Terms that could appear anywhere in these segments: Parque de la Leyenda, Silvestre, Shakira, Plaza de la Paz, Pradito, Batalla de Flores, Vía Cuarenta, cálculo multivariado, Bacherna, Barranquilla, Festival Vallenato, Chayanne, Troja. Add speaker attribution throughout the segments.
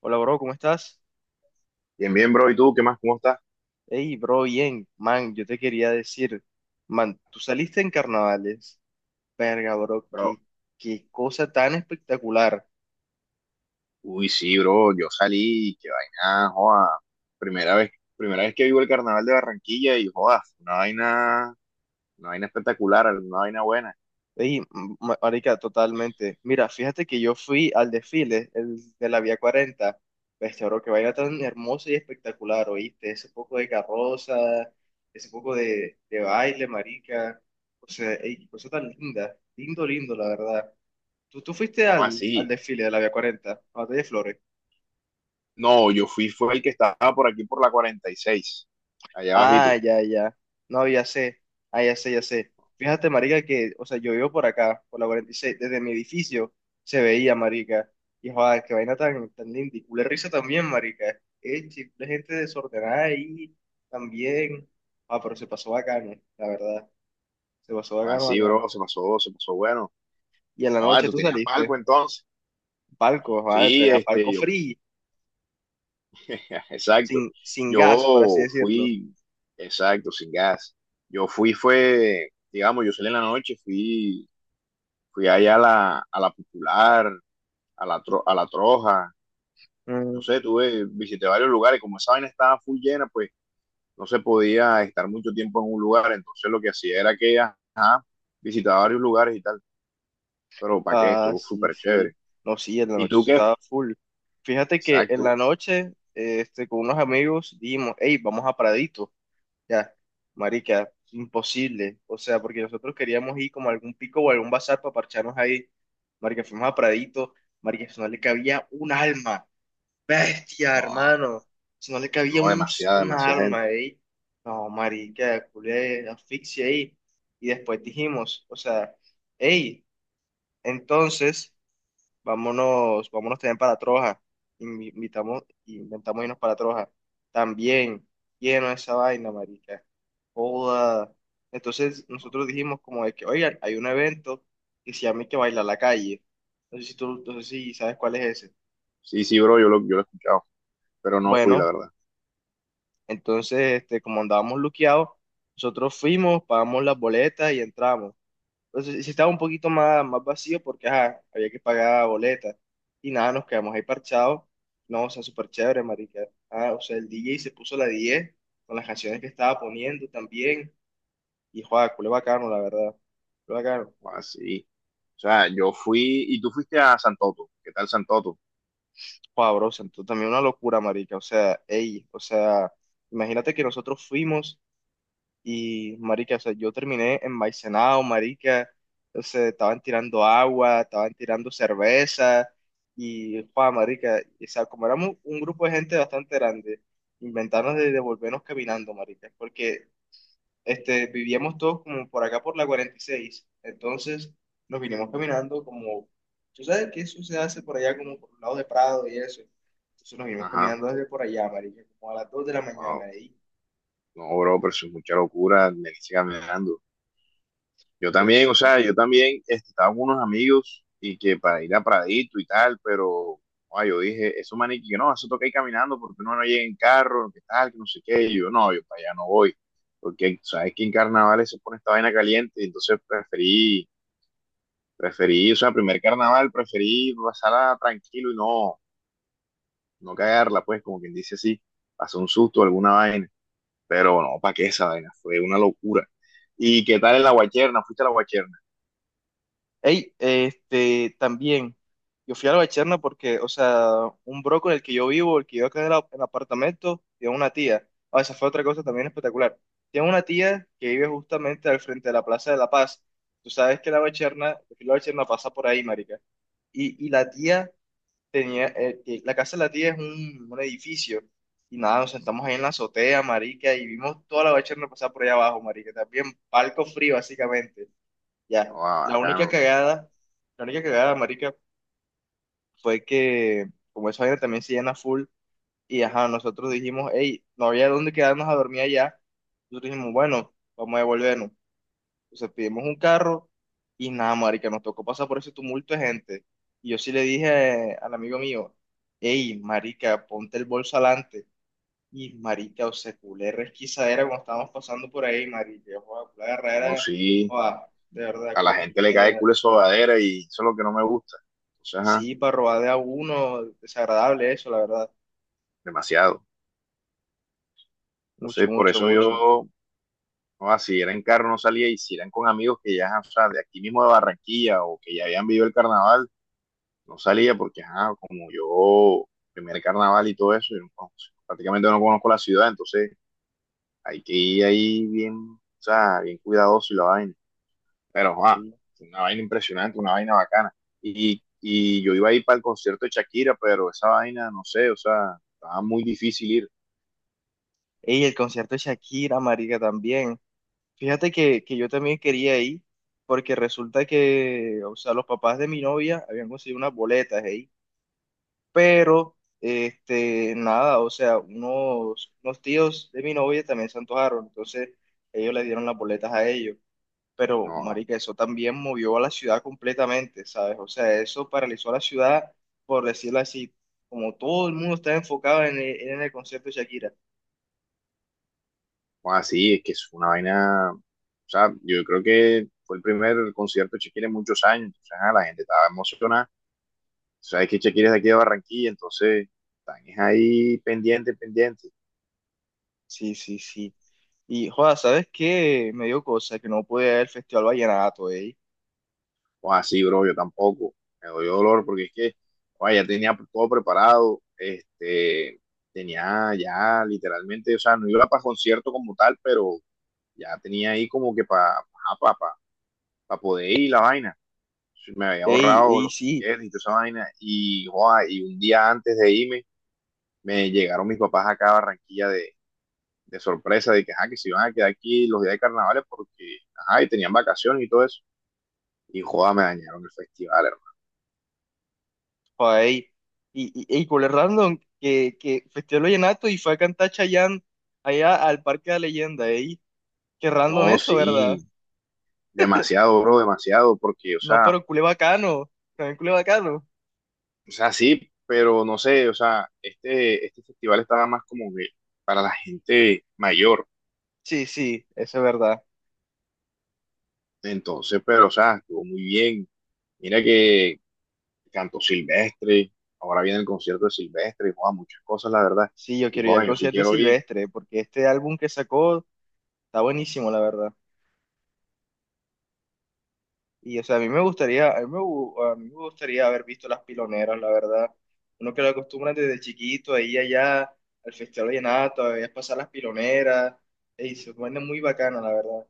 Speaker 1: Hola, bro, ¿cómo estás?
Speaker 2: Bien, bien, bro. ¿Y tú qué más? ¿Cómo estás?
Speaker 1: Hey, bro, bien. Man, yo te quería decir, man, tú saliste en carnavales. Verga, bro,
Speaker 2: Bro,
Speaker 1: qué cosa tan espectacular.
Speaker 2: sí, bro. Yo salí, qué vaina, joda. Primera vez, primera vez que vivo el carnaval de Barranquilla y joda, una vaina espectacular, una vaina buena.
Speaker 1: Hey, marica, totalmente. Mira, fíjate que yo fui al desfile, el de la Vía Cuarenta. Bestia, bro, que vaina tan hermosa y espectacular, ¿oíste? Ese poco de carroza, ese poco de baile, marica. O sea, ey, qué cosa tan linda. Lindo, lindo, la verdad. ¿Tú fuiste
Speaker 2: ¿Cómo
Speaker 1: al
Speaker 2: así?
Speaker 1: desfile de la Vía Cuarenta, a la Batalla de Flores?
Speaker 2: No, yo fui, fue el que estaba por aquí por la 46, allá
Speaker 1: Ah,
Speaker 2: abajito.
Speaker 1: ya, ya. No, ya sé. Ah, ya sé, ya sé. Fíjate, marica, que, o sea, yo vivo por acá, por la 46, desde mi edificio se veía, marica. Y joder, qué vaina tan linda. Y culé risa también, marica. La gente desordenada ahí también. Ah, pero se pasó bacano, la verdad. Se pasó bacano,
Speaker 2: Así,
Speaker 1: bacano.
Speaker 2: bro, se pasó bueno.
Speaker 1: Y en la
Speaker 2: Joda,
Speaker 1: noche
Speaker 2: ¿tú
Speaker 1: tú
Speaker 2: tenías
Speaker 1: saliste.
Speaker 2: palco entonces?
Speaker 1: Palco, joder,
Speaker 2: Sí,
Speaker 1: tenía palco
Speaker 2: yo
Speaker 1: free,
Speaker 2: exacto.
Speaker 1: sin gas, por así
Speaker 2: Yo
Speaker 1: decirlo.
Speaker 2: fui, exacto, sin gas. Fue, digamos, yo salí en la noche, fui allá a la Popular, a la, a la Troja, no sé, visité varios lugares, como esa vaina estaba full llena, pues no se podía estar mucho tiempo en un lugar, entonces lo que hacía era que, ajá, visitaba varios lugares y tal, pero ¿para qué?
Speaker 1: Ah,
Speaker 2: Estuvo
Speaker 1: sí,
Speaker 2: súper
Speaker 1: sí.
Speaker 2: chévere.
Speaker 1: No, sí, en la
Speaker 2: ¿Y
Speaker 1: noche
Speaker 2: tú
Speaker 1: eso
Speaker 2: qué?
Speaker 1: estaba full. Fíjate que en la
Speaker 2: Exacto.
Speaker 1: noche, con unos amigos dijimos, hey, vamos a Pradito. Ya, marica, imposible. O sea, porque nosotros queríamos ir como a algún pico o a algún bazar para parcharnos ahí. Marica, fuimos a Pradito. Marica, eso no le cabía un alma. Bestia,
Speaker 2: No,
Speaker 1: hermano. Si no le cabía
Speaker 2: no, demasiada,
Speaker 1: un
Speaker 2: demasiada
Speaker 1: arma
Speaker 2: gente.
Speaker 1: ahí. No, marica, culé, asfixia ahí. Y después dijimos, o sea, hey, entonces... Vámonos, vámonos también para Troja. Invitamos, inventamos irnos para Troja. También, lleno de esa vaina, marica. Joda. Entonces nosotros dijimos como de que, oigan, hay un evento que se llama y que baila la calle. No sé si tú, no sé si sabes cuál es ese.
Speaker 2: Sí, sí, bro, yo lo he escuchado, pero no fui, la
Speaker 1: Bueno,
Speaker 2: verdad.
Speaker 1: entonces, como andábamos luqueados, nosotros fuimos, pagamos las boletas y entramos. Entonces, sí estaba un poquito más vacío porque ajá, había que pagar boleta. Y nada, nos quedamos ahí parchados. No, o sea, súper chévere, marica. Ah, o sea, el DJ se puso la 10 con las canciones que estaba poniendo también. Y joder, culé bacano, la verdad. Culé bacano.
Speaker 2: Así. O sea, yo fui y tú fuiste a Santoto. ¿Qué tal Santoto?
Speaker 1: Joder, bro, se entró también una locura, marica. O sea, ey, o sea, imagínate que nosotros fuimos. Y, marica, o sea, yo terminé envaicenado, marica. O sea, estaban tirando agua, estaban tirando cerveza. Y, pa, marica, o sea, como éramos un grupo de gente bastante grande, inventaron de devolvernos caminando, marica. Porque, este, vivíamos todos como por acá por la 46. Entonces, nos vinimos caminando como... ¿Tú sabes que eso se hace por allá como por el lado de Prado y eso? Entonces nos vinimos
Speaker 2: Ajá.
Speaker 1: caminando desde por allá, marica, como a las 2 de la mañana
Speaker 2: Wow.
Speaker 1: ahí.
Speaker 2: No, bro, pero eso es mucha locura. Me sigue caminando. Yo
Speaker 1: Pero
Speaker 2: también, o
Speaker 1: sí,
Speaker 2: sea, yo también este, estaba con unos amigos y que para ir a Pradito y tal, pero ah, yo dije, eso maniquí, no, eso toca ir caminando porque uno no llega en carro, que tal, que no sé qué. Y yo, no, yo para allá no voy. Porque sabes que en carnavales se pone esta vaina caliente, y entonces preferí, o sea, primer carnaval preferí pasarla tranquilo y no cagarla, pues, como quien dice así, pasó un susto, alguna vaina, pero no, ¿para qué esa vaina? Fue una locura. ¿Y qué tal en la guacherna? ¿Fuiste a la guacherna?
Speaker 1: También, yo fui a la Bacherna porque, o sea, un bro con el que yo vivo, el que yo acá en el apartamento, tiene una tía. Ah, esa fue otra cosa también espectacular. Tiene una tía que vive justamente al frente de la Plaza de la Paz. Tú sabes que la Bacherna pasa por ahí, marica. Y la tía tenía, la casa de la tía es un edificio. Y nada, nos sentamos ahí en la azotea, marica, y vimos toda la Bacherna pasar por allá abajo, marica. También palco frío, básicamente. Ya,
Speaker 2: No, ah,
Speaker 1: la única
Speaker 2: bacano.
Speaker 1: cagada, la única cagada, marica, fue que como esa vaina también se llena full y ajá, nosotros dijimos, hey, no había dónde quedarnos a dormir allá, nosotros dijimos, bueno, vamos a devolvernos. Entonces pedimos un carro y nada, marica, nos tocó pasar por ese tumulto de gente. Y yo sí le dije al amigo mío, hey, marica, ponte el bolso adelante. Y marica, o sea, culé resquisadera cuando estábamos pasando por ahí, marica, joda, culé
Speaker 2: No,
Speaker 1: agarradera,
Speaker 2: sí,
Speaker 1: joda, de verdad,
Speaker 2: a
Speaker 1: culé
Speaker 2: la gente le cae el
Speaker 1: resquisadera.
Speaker 2: culo de sobadera y eso es lo que no me gusta. Entonces, ajá,
Speaker 1: Sí, para robar de a uno, desagradable eso, la verdad.
Speaker 2: demasiado.
Speaker 1: Mucho,
Speaker 2: Entonces, por
Speaker 1: mucho,
Speaker 2: eso
Speaker 1: mucho.
Speaker 2: yo, no, ah, si era en carro no salía y si eran con amigos que ya, o sea, de aquí mismo de Barranquilla o que ya habían vivido el carnaval, no salía porque, ajá, como yo, primer carnaval y todo eso, yo no- prácticamente no conozco la ciudad, entonces hay que ir ahí bien, o sea, bien cuidadoso y la vaina. Pero, joa,
Speaker 1: Sí.
Speaker 2: fue una vaina impresionante, una vaina bacana. Y yo iba a ir para el concierto de Shakira, pero esa vaina, no sé, o sea, estaba muy difícil ir.
Speaker 1: Y el concierto de Shakira, marica, también. Fíjate que yo también quería ir, porque resulta que, o sea, los papás de mi novia habían conseguido unas boletas ahí. Pero, este, nada, o sea, unos tíos de mi novia también se antojaron, entonces ellos le dieron las boletas a ellos. Pero
Speaker 2: No,
Speaker 1: marica, eso también movió a la ciudad completamente, ¿sabes? O sea, eso paralizó a la ciudad, por decirlo así, como todo el mundo está enfocado en en el concierto de Shakira.
Speaker 2: así, es que es una vaina, o sea, yo creo que fue el primer concierto de Shakira en muchos años, entonces ah, la gente estaba emocionada. Tú sabes que Shakira es de aquí de Barranquilla, entonces están es ahí pendiente, pendiente.
Speaker 1: Sí, sí, sí. Y, joda, ¿sabes qué? Me dio cosa que no pude ir al Festival Vallenato, ey.
Speaker 2: O así, bro, yo tampoco. Me doy dolor porque es que, oye, ya tenía todo preparado, este, tenía ya literalmente, o sea, no iba para concierto como tal, pero ya tenía ahí como que para pa poder ir la vaina. Me había
Speaker 1: Ey,
Speaker 2: ahorrado
Speaker 1: ey,
Speaker 2: los
Speaker 1: sí,
Speaker 2: tickets y toda esa vaina. Y, joa, y un día antes de irme, me llegaron mis papás acá a Barranquilla de sorpresa, de que, ajá, que se iban a quedar aquí los días de carnavales porque, ajá, y tenían vacaciones y todo eso. Y joda, me dañaron el festival, hermano.
Speaker 1: joda, ey. Y, ey, con el random, que Festival Vallenato y fue a cantar Chayanne allá al Parque de la Leyenda, ey. Qué random
Speaker 2: No,
Speaker 1: eso,
Speaker 2: sí,
Speaker 1: ¿verdad?
Speaker 2: demasiado, bro, demasiado, porque,
Speaker 1: No, pero culé bacano, también culé bacano.
Speaker 2: o sea, sí, pero no sé, o sea, este festival estaba más como que para la gente mayor,
Speaker 1: Sí, sí, eso es verdad.
Speaker 2: entonces, pero, o sea, estuvo muy bien. Mira que cantó Silvestre, ahora viene el concierto de Silvestre, joda, muchas cosas, la verdad,
Speaker 1: Sí, yo
Speaker 2: y
Speaker 1: quiero ir al
Speaker 2: joda, yo sí
Speaker 1: concierto de
Speaker 2: quiero ir,
Speaker 1: Silvestre, porque este álbum que sacó está buenísimo, la verdad. Y, o sea, a mí me gustaría, a mí me gustaría haber visto Las Piloneras, la verdad. Uno que lo acostumbra desde chiquito, ahí allá, al Festival Vallenato, a veces pasar Las Piloneras. Y se pone muy bacano, la verdad.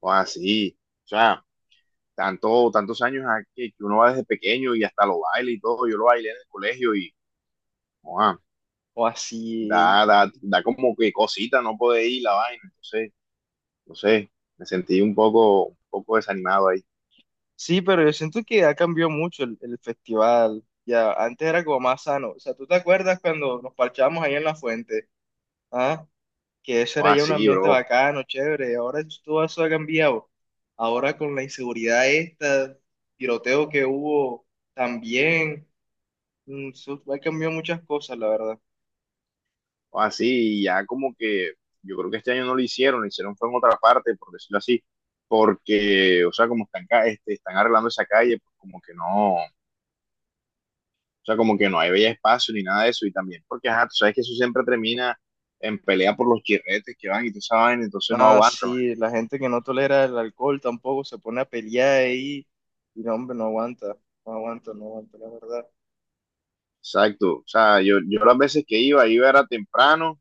Speaker 2: joda, sí, o sea, tantos años a que uno va desde pequeño y hasta lo baila y todo, yo lo bailé en el colegio y, joda,
Speaker 1: O así.
Speaker 2: da como que cosita, no poder ir la vaina, entonces no sé, me sentí un poco desanimado ahí.
Speaker 1: Sí, pero yo siento que ha cambiado mucho el festival. Ya, antes era como más sano. O sea, ¿tú te acuerdas cuando nos parchábamos ahí en La Fuente? ¿Ah? Que eso
Speaker 2: O
Speaker 1: era ya un
Speaker 2: así,
Speaker 1: ambiente
Speaker 2: bro,
Speaker 1: bacano, chévere. Ahora todo eso ha cambiado. Ahora con la inseguridad esta, tiroteo que hubo también, eso ha cambiado muchas cosas, la verdad.
Speaker 2: o así, y ya como que yo creo que este año no lo hicieron, lo hicieron fue en otra parte, por decirlo así, porque, o sea, como están, este, están arreglando esa calle, pues como que no, o sea, como que no hay bella espacio ni nada de eso, y también porque, ajá, tú sabes que eso siempre termina en pelea por los chirretes que van y tú sabes, entonces no
Speaker 1: Ah,
Speaker 2: aguantan.
Speaker 1: sí, la gente que no tolera el alcohol tampoco se pone a pelear ahí y no, hombre, no aguanta, no aguanta, no aguanta, la verdad.
Speaker 2: Exacto, o sea, yo las veces que iba, iba era temprano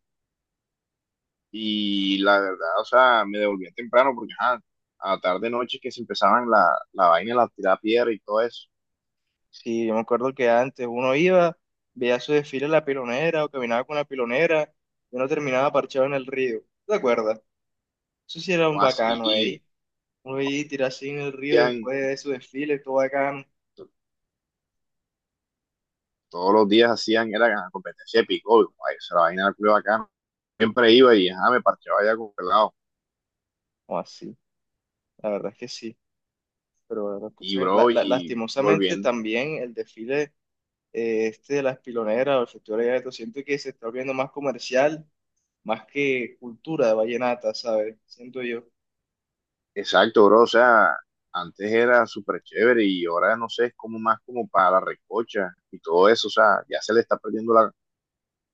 Speaker 2: y la verdad, o sea, me devolvía temprano porque ajá, a tarde noche que se empezaban la vaina, la tirada piedra y todo eso.
Speaker 1: Sí, yo me acuerdo que antes uno iba, veía su desfile en la pilonera o caminaba con la pilonera y uno terminaba parchado en el río. ¿Te acuerdas? Eso sí era un
Speaker 2: O así,
Speaker 1: bacano
Speaker 2: y
Speaker 1: ahí. Oye, tirarse en el río
Speaker 2: hacían-
Speaker 1: después de su desfile, todo bacano.
Speaker 2: to- todos los días hacían, era ajá, competencia de pico, esa era la vaina era acá. Siempre iba y ajá, me parchaba allá con pelado.
Speaker 1: O así, la verdad es que sí. Pero la
Speaker 2: Y
Speaker 1: cosa
Speaker 2: bro, y
Speaker 1: lastimosamente
Speaker 2: volviendo,
Speaker 1: también el desfile de las piloneras o el Festival de Vallenato, siento que se está volviendo más comercial, más que cultura de vallenata, ¿sabes? Siento yo.
Speaker 2: exacto, bro, o sea, antes era súper chévere y ahora no sé, es como más como para la recocha y todo eso, o sea, ya se le está perdiendo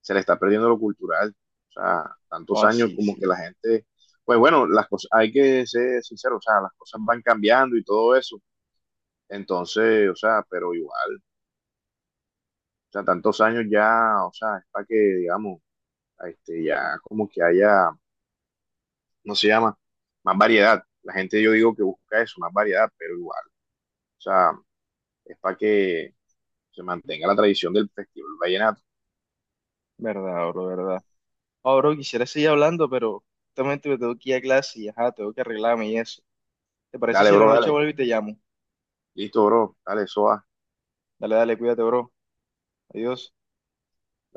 Speaker 2: se le está perdiendo lo cultural. O sea,
Speaker 1: O
Speaker 2: tantos años
Speaker 1: así,
Speaker 2: como que
Speaker 1: sí.
Speaker 2: la gente, pues bueno, las cosas, hay que ser sincero, o sea, las cosas van cambiando y todo eso. Entonces, o sea, pero igual, o sea, tantos años ya, o sea, es para que, digamos, este, ya como que haya, ¿no se llama? Más variedad. La gente yo digo que busca eso, más variedad, pero igual, o sea, es para que se mantenga la tradición del festival vallenato.
Speaker 1: Verdad, bro, verdad. Oh, bro, quisiera seguir hablando, pero justamente me tengo que ir a clase y ajá, tengo que arreglarme y eso. ¿Te parece
Speaker 2: Dale,
Speaker 1: si en la
Speaker 2: bro,
Speaker 1: noche
Speaker 2: dale.
Speaker 1: vuelvo y te llamo?
Speaker 2: Listo, bro. Dale, eso va.
Speaker 1: Dale, dale, cuídate, bro. Adiós.